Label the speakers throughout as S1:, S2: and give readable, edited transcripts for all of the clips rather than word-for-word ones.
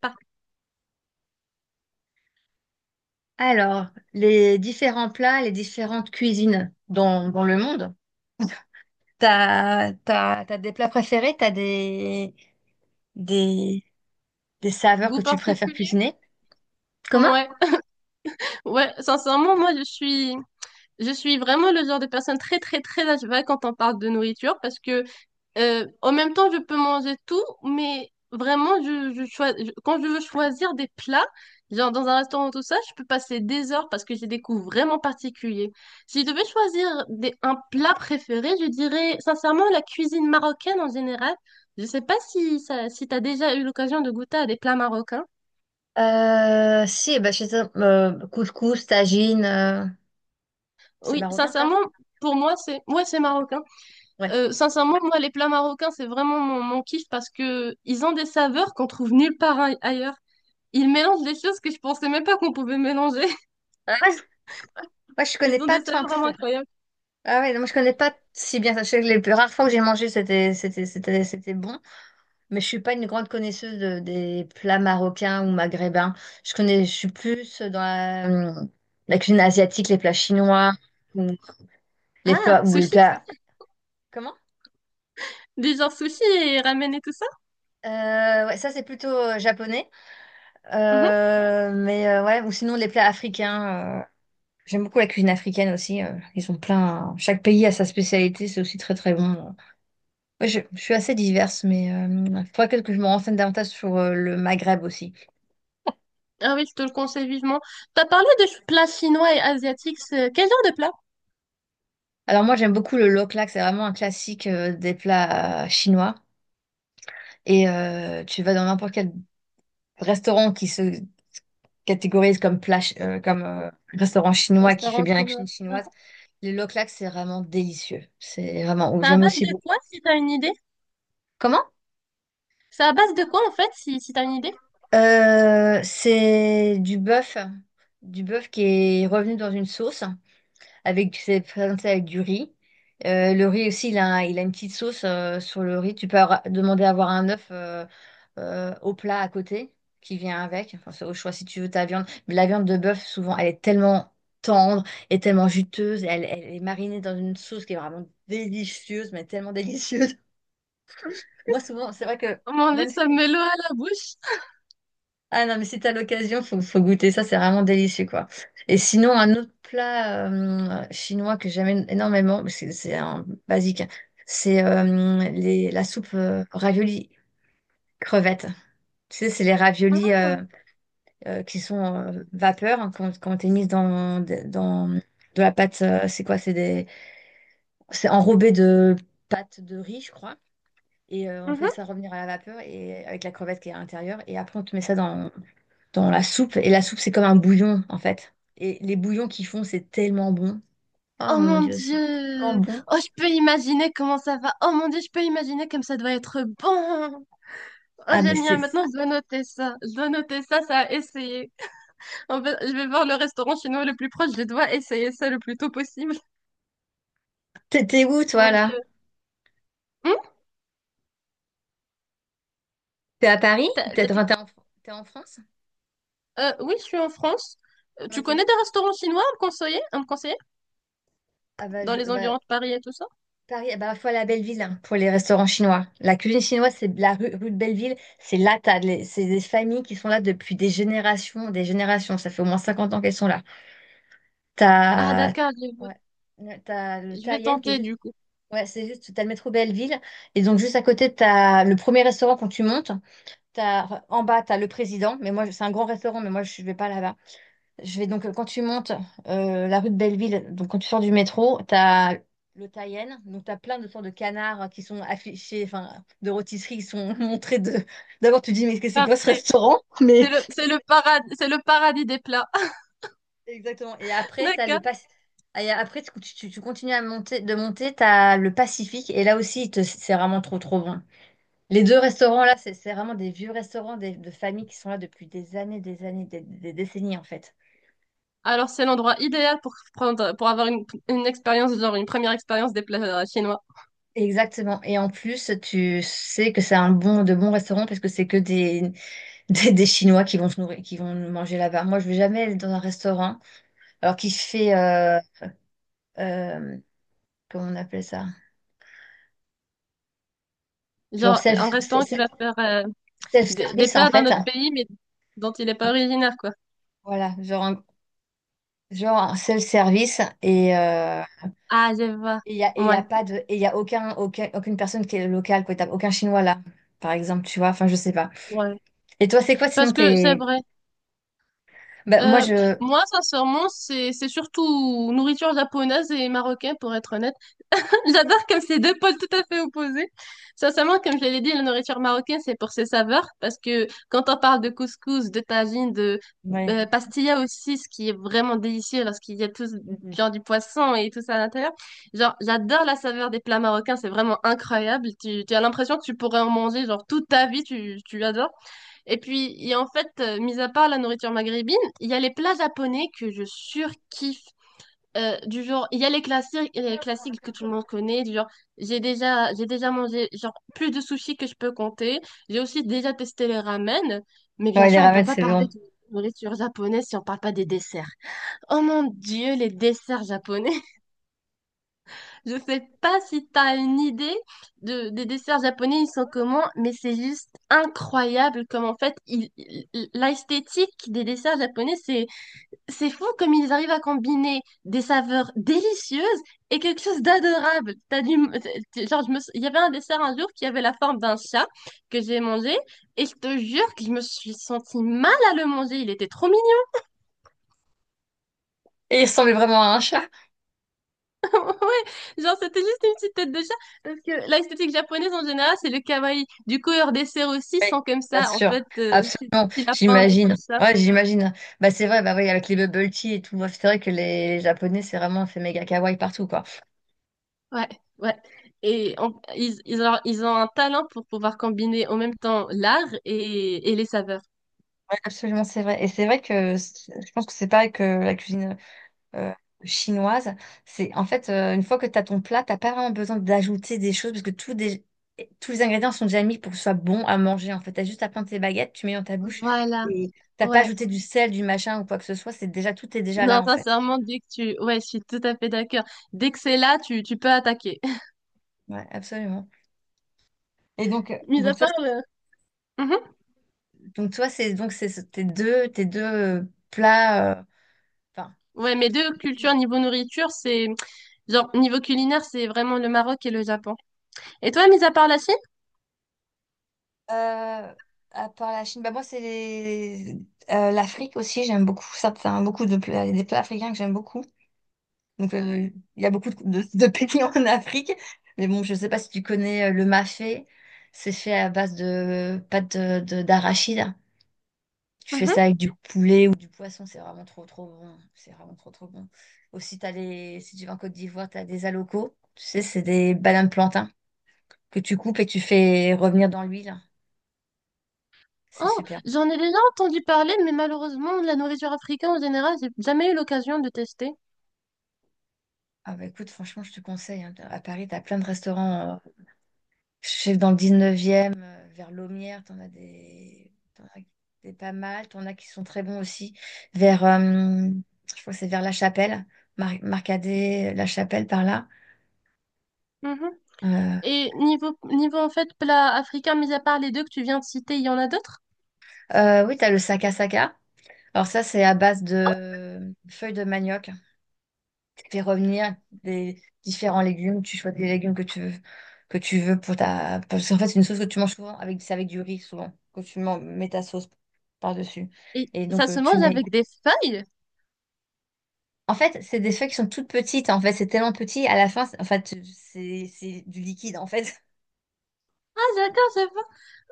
S1: Par
S2: Alors, les différents plats, les différentes cuisines dans le monde, t'as des plats préférés, t'as des, des saveurs que
S1: goût
S2: tu préfères
S1: particulier?
S2: cuisiner? Comment?
S1: Ouais. Ouais, sincèrement, moi, je suis vraiment le genre de personne très, très, très à cheval quand on parle de nourriture parce que, en même temps, je peux manger tout, mais vraiment, quand je veux choisir des plats, genre dans un restaurant ou tout ça, je peux passer des heures parce que j'ai des goûts vraiment particuliers. Si je devais choisir des, un plat préféré, je dirais, sincèrement, la cuisine marocaine en général. Je sais pas si ça, si t'as déjà eu l'occasion de goûter à des plats marocains.
S2: Si, bah, je sais, couscous, tagine, c'est
S1: Oui,
S2: marocain ça?
S1: sincèrement, pour moi, c'est ouais, c'est marocain.
S2: Ouais.
S1: Sincèrement, moi, les plats marocains, c'est vraiment mon kiff parce que ils ont des saveurs qu'on trouve nulle part ailleurs. Ils mélangent des choses que je pensais même pas qu'on pouvait mélanger.
S2: Ah, moi, je connais
S1: Ils ont
S2: pas
S1: des
S2: tant
S1: saveurs
S2: que
S1: vraiment
S2: ça.
S1: incroyables.
S2: Ah ouais, non, moi je connais pas si bien ça. Je sais que les rares fois que j'ai mangé, c'était bon. Mais je suis pas une grande connaisseuse des plats marocains ou maghrébins. Je suis plus dans la cuisine asiatique, les plats chinois ou les
S1: Ah,
S2: plats ou les
S1: sushi?
S2: plats. Comment?
S1: Du genre sushi et ramen et tout ça?
S2: Ouais, ça c'est plutôt japonais.
S1: Mhm.
S2: Mais ouais, ou sinon les plats africains. J'aime beaucoup la cuisine africaine aussi. Ils ont plein. Chaque pays a sa spécialité. C'est aussi très très bon. Ouais, je suis assez diverse, mais il faudrait que je me renseigne davantage sur le Maghreb aussi.
S1: Ah oui, je te le conseille vivement. T'as parlé de plats chinois et asiatiques. Quel genre de plat?
S2: Alors moi j'aime beaucoup le loklak, c'est vraiment un classique des plats chinois. Et tu vas dans n'importe quel restaurant qui se catégorise comme plat, ch- comme restaurant chinois qui fait
S1: Restaurant
S2: bien la
S1: chinois.
S2: cuisine chinoise.
S1: Ah.
S2: Le loklak c'est vraiment délicieux. C'est vraiment ouf.
S1: C'est à
S2: J'aime
S1: base
S2: aussi
S1: de
S2: beaucoup.
S1: quoi, si t'as une idée?
S2: Comment?
S1: C'est à base de quoi, en fait, si t'as une idée?
S2: C'est du bœuf qui est revenu dans une sauce. Avec, tu sais, présenter avec du riz. Le riz aussi, il a une petite sauce sur le riz. Tu peux demander à avoir un œuf au plat à côté qui vient avec. Enfin, c'est au choix si tu veux ta viande. Mais la viande de bœuf, souvent, elle est tellement tendre et tellement juteuse. Elle est marinée dans une sauce qui est vraiment délicieuse, mais tellement délicieuse. Moi, souvent, c'est vrai que
S1: Oh mon Dieu,
S2: même
S1: ça me
S2: si.
S1: met l'eau à la bouche.
S2: Ah non, mais si t'as l'occasion, faut goûter ça, c'est vraiment délicieux, quoi. Et sinon, un autre plat chinois que j'aime énormément, parce que c'est un basique, hein, c'est la soupe ravioli crevettes. Tu sais, c'est les raviolis
S1: Ah.
S2: qui sont vapeur, hein, quand t'es mise dans de la pâte, c'est quoi? C'est des, c'est enrobé de pâte de riz, je crois. Et on fait
S1: Mhm.
S2: ça revenir à la vapeur et avec la crevette qui est à l'intérieur. Et après, on te met ça dans la soupe. Et la soupe, c'est comme un bouillon, en fait. Et les bouillons qu'ils font, c'est tellement bon. Oh
S1: Oh
S2: mon
S1: mon
S2: Dieu, c'est tellement
S1: Dieu!
S2: bon.
S1: Oh, je peux imaginer comment ça va. Oh mon Dieu, je peux imaginer comme ça doit être bon. Oh,
S2: Ah, mais
S1: génial.
S2: c'est...
S1: Maintenant, je dois noter ça. Je dois noter ça, ça a essayé. En fait, je vais voir le restaurant chinois le plus proche. Je dois essayer ça le plus tôt possible.
S2: T'es où, toi,
S1: Mon
S2: là?
S1: Dieu. Hum
S2: T'es à Paris?
S1: T'as
S2: T'es,
S1: dit
S2: enfin,
S1: quoi?
S2: t'es en France?
S1: Oui, je suis en France. Tu
S2: OK.
S1: connais des restaurants chinois à me conseiller, à me conseiller?
S2: Ah bah,
S1: Dans les
S2: bah,
S1: environs de Paris et tout ça?
S2: Paris, ah bah, faut aller à Belleville, hein, pour les restaurants chinois. La cuisine chinoise, c'est la rue de Belleville. C'est là, c'est des familles qui sont là depuis des générations, des générations. Ça fait au moins 50 ans qu'elles sont là.
S1: Ah,
S2: T'as...
S1: d'accord, je vois.
S2: Ouais. T'as le
S1: Je vais
S2: Taïen qui est
S1: tenter
S2: juste.
S1: du coup.
S2: Ouais, c'est juste, t'as le métro Belleville, et donc juste à côté, t'as le premier restaurant quand tu montes, t'as, en bas, t'as le président, mais moi, c'est un grand restaurant, mais moi, je vais pas là-bas. Je vais donc, quand tu montes la rue de Belleville, donc quand tu sors du métro, t'as le Taïen, donc t'as plein de sortes de canards qui sont affichés, enfin, de rôtisseries qui sont montrées de... D'abord, tu te dis, mais c'est quoi ce
S1: Parfait.
S2: restaurant? Mais...
S1: C'est le paradis, c'est le paradis des plats.
S2: Exactement, et après, t'as le
S1: D'accord.
S2: Pacifique. Et après, tu continues à monter, de monter, t'as le Pacifique, et là aussi, c'est vraiment trop, trop bon. Les 2 restaurants là, c'est vraiment des vieux restaurants des de familles qui sont là depuis des années, des années, des décennies, en fait.
S1: Alors, c'est l'endroit idéal pour prendre, pour avoir une expérience, genre une première expérience des plats chinois.
S2: Exactement et en plus, tu sais que c'est un bon de bons restaurants parce que c'est que des des Chinois qui vont se nourrir qui vont manger là-bas. Moi, je vais jamais aller dans un restaurant alors qui fait, hem, comment on appelle ça? Genre
S1: Genre, un restaurant qui va faire des
S2: self-service, en
S1: plats d'un
S2: fait.
S1: autre pays, mais dont il n'est pas originaire, quoi.
S2: Voilà, genre un self-service
S1: Ah, je vois.
S2: Et il n'y a, et y a
S1: Ouais,
S2: pas de, et y a aucun, aucune personne qui est locale, quoi. T'as aucun Chinois là, par exemple, tu vois. Enfin, je sais pas.
S1: ouais.
S2: Et toi, c'est quoi sinon
S1: Parce que c'est
S2: t'es...
S1: vrai.
S2: Bah, moi,
S1: Euh,
S2: je...
S1: Moi, sincèrement, c'est surtout nourriture japonaise et marocaine, pour être honnête. J'adore comme c'est deux pôles tout à fait opposés. Sincèrement, comme je l'ai dit, la nourriture marocaine, c'est pour ses saveurs, parce que quand on parle de couscous, de tagine, de
S2: Ouais.
S1: pastilla aussi, ce qui est vraiment délicieux lorsqu'il y a tout, genre du poisson et tout ça à l'intérieur, genre j'adore la saveur des plats marocains, c'est vraiment incroyable. Tu as l'impression que tu pourrais en manger genre toute ta vie, tu adores. Et puis, il y a en fait, mis à part la nourriture maghrébine, il y a les plats japonais que je surkiffe. Du genre, il y a les classiques que tout le monde connaît, du genre, j'ai déjà mangé genre plus de sushis que je peux compter. J'ai aussi déjà testé les ramen, mais bien
S2: Ouais, les
S1: sûr, on peut
S2: ramen,
S1: pas
S2: c'est
S1: parler
S2: bon.
S1: de nourriture japonaise si on parle pas des desserts. Oh mon Dieu, les desserts japonais. Je sais pas si tu as une idée de, des desserts japonais, ils sont comment, mais c'est juste incroyable comme en fait, l'esthétique des desserts japonais, c'est fou comme ils arrivent à combiner des saveurs délicieuses et quelque chose d'adorable. T'as du... Genre, il y avait un dessert un jour qui avait la forme d'un chat que j'ai mangé et je te jure que je me suis sentie mal à le manger. Il était trop mignon.
S2: Et il ressemblait vraiment à un chat.
S1: Ouais, genre, c'était juste une petite tête de chat parce que l'esthétique japonaise en général, c'est le kawaii. Du coup, leurs desserts aussi
S2: Oui,
S1: sont comme
S2: bien
S1: ça. En
S2: sûr.
S1: fait, c'est des
S2: Absolument.
S1: petits lapins, des petits
S2: J'imagine.
S1: chats.
S2: Ouais, j'imagine. Bah, c'est vrai, bah oui, avec les bubble tea et tout. Ouais, c'est vrai que les Japonais, c'est vraiment, fait méga kawaii partout, quoi.
S1: Ouais, ouais. Ils ont un talent pour pouvoir combiner en même temps l'art et les saveurs.
S2: Ouais, absolument, c'est vrai. Et c'est vrai que je pense que c'est pareil que la cuisine. euh, chinoise. C'est en fait une fois que tu as ton plat, t'as pas vraiment besoin d'ajouter des choses parce que tous les ingrédients sont déjà mis pour que ce soit bon à manger. En fait, t'as juste à prendre tes baguettes, tu mets dans ta bouche
S1: Voilà,
S2: et t'as pas
S1: ouais.
S2: ajouté du sel, du machin ou quoi que ce soit. C'est déjà Tout est déjà là
S1: Non,
S2: en fait.
S1: sincèrement, dès que tu... Ouais, je suis tout à fait d'accord. Dès que c'est là, tu peux attaquer.
S2: Ouais, absolument. Et
S1: Mis à
S2: donc toi
S1: part le... Mhm.
S2: donc toi c'est donc c'est tes deux plats. Enfin.
S1: Ouais, mes deux cultures niveau nourriture, c'est... Genre, niveau culinaire, c'est vraiment le Maroc et le Japon. Et toi, mis à part la Chine?
S2: Euh, à part la Chine, bah moi c'est l'Afrique aussi, j'aime beaucoup certains, beaucoup de plats, des plats africains que j'aime beaucoup. Donc, il y a beaucoup de pays en Afrique. Mais bon, je ne sais pas si tu connais le mafé. C'est fait à base de pâte d'arachide. Tu fais ça
S1: Mhm.
S2: avec du poulet ou du poisson. C'est vraiment trop, trop bon. C'est vraiment trop, trop bon. Aussi, si tu vas en Côte d'Ivoire, tu as des alocos. Tu sais, c'est des bananes plantains que tu coupes et que tu fais revenir dans l'huile. C'est
S1: Oh,
S2: super.
S1: j'en ai déjà entendu parler, mais malheureusement, la nourriture africaine en général, j'ai jamais eu l'occasion de tester.
S2: Ah bah écoute, franchement, je te conseille, hein. À Paris, tu as plein de restaurants Je sais que dans le 19e, vers Laumière, t'en as des pas mal. T'en as qui sont très bons aussi. Vers, je crois que c'est vers La Chapelle, Marcadet, La Chapelle par là.
S1: Mhm.
S2: Euh,
S1: Et niveau, niveau en fait plat africain, mis à part les deux que tu viens de citer, il y en a d'autres?
S2: oui, t'as le Saka Saka. Alors ça, c'est à base de feuilles de manioc. Tu fais revenir des différents légumes. Tu choisis les légumes que tu veux pour ta... Parce qu'en fait, c'est une sauce que tu manges souvent avec, c'est avec du riz souvent, que tu mets ta sauce par-dessus.
S1: Et
S2: Et donc,
S1: ça se
S2: tu
S1: mange
S2: mets,
S1: avec des feuilles?
S2: en fait, c'est des feuilles qui sont toutes petites. En fait, c'est tellement petit. À la fin, en fait, c'est du liquide. En fait,
S1: Ah d'accord, je vois.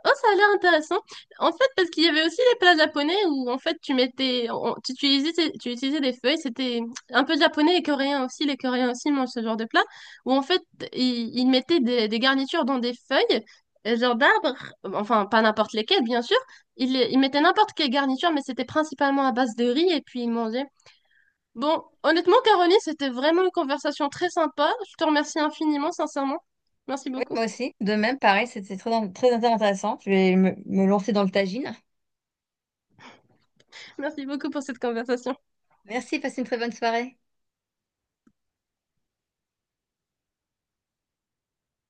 S1: Oh, ça a l'air intéressant. En fait, parce qu'il y avait aussi les plats japonais où en fait tu utilisais des feuilles. C'était un peu japonais et coréen aussi. Les Coréens aussi mangent ce genre de plat où en fait ils mettaient des garnitures dans des feuilles, genre d'arbres. Enfin, pas n'importe lesquelles, bien sûr. Ils mettaient n'importe quelle garniture, mais c'était principalement à base de riz et puis ils mangeaient. Bon, honnêtement, Caroline, c'était vraiment une conversation très sympa. Je te remercie infiniment, sincèrement. Merci
S2: oui,
S1: beaucoup.
S2: moi aussi. De même, pareil, c'était très, très intéressant. Je vais me lancer dans le tagine.
S1: Merci beaucoup pour cette conversation.
S2: Merci, passe une très bonne soirée.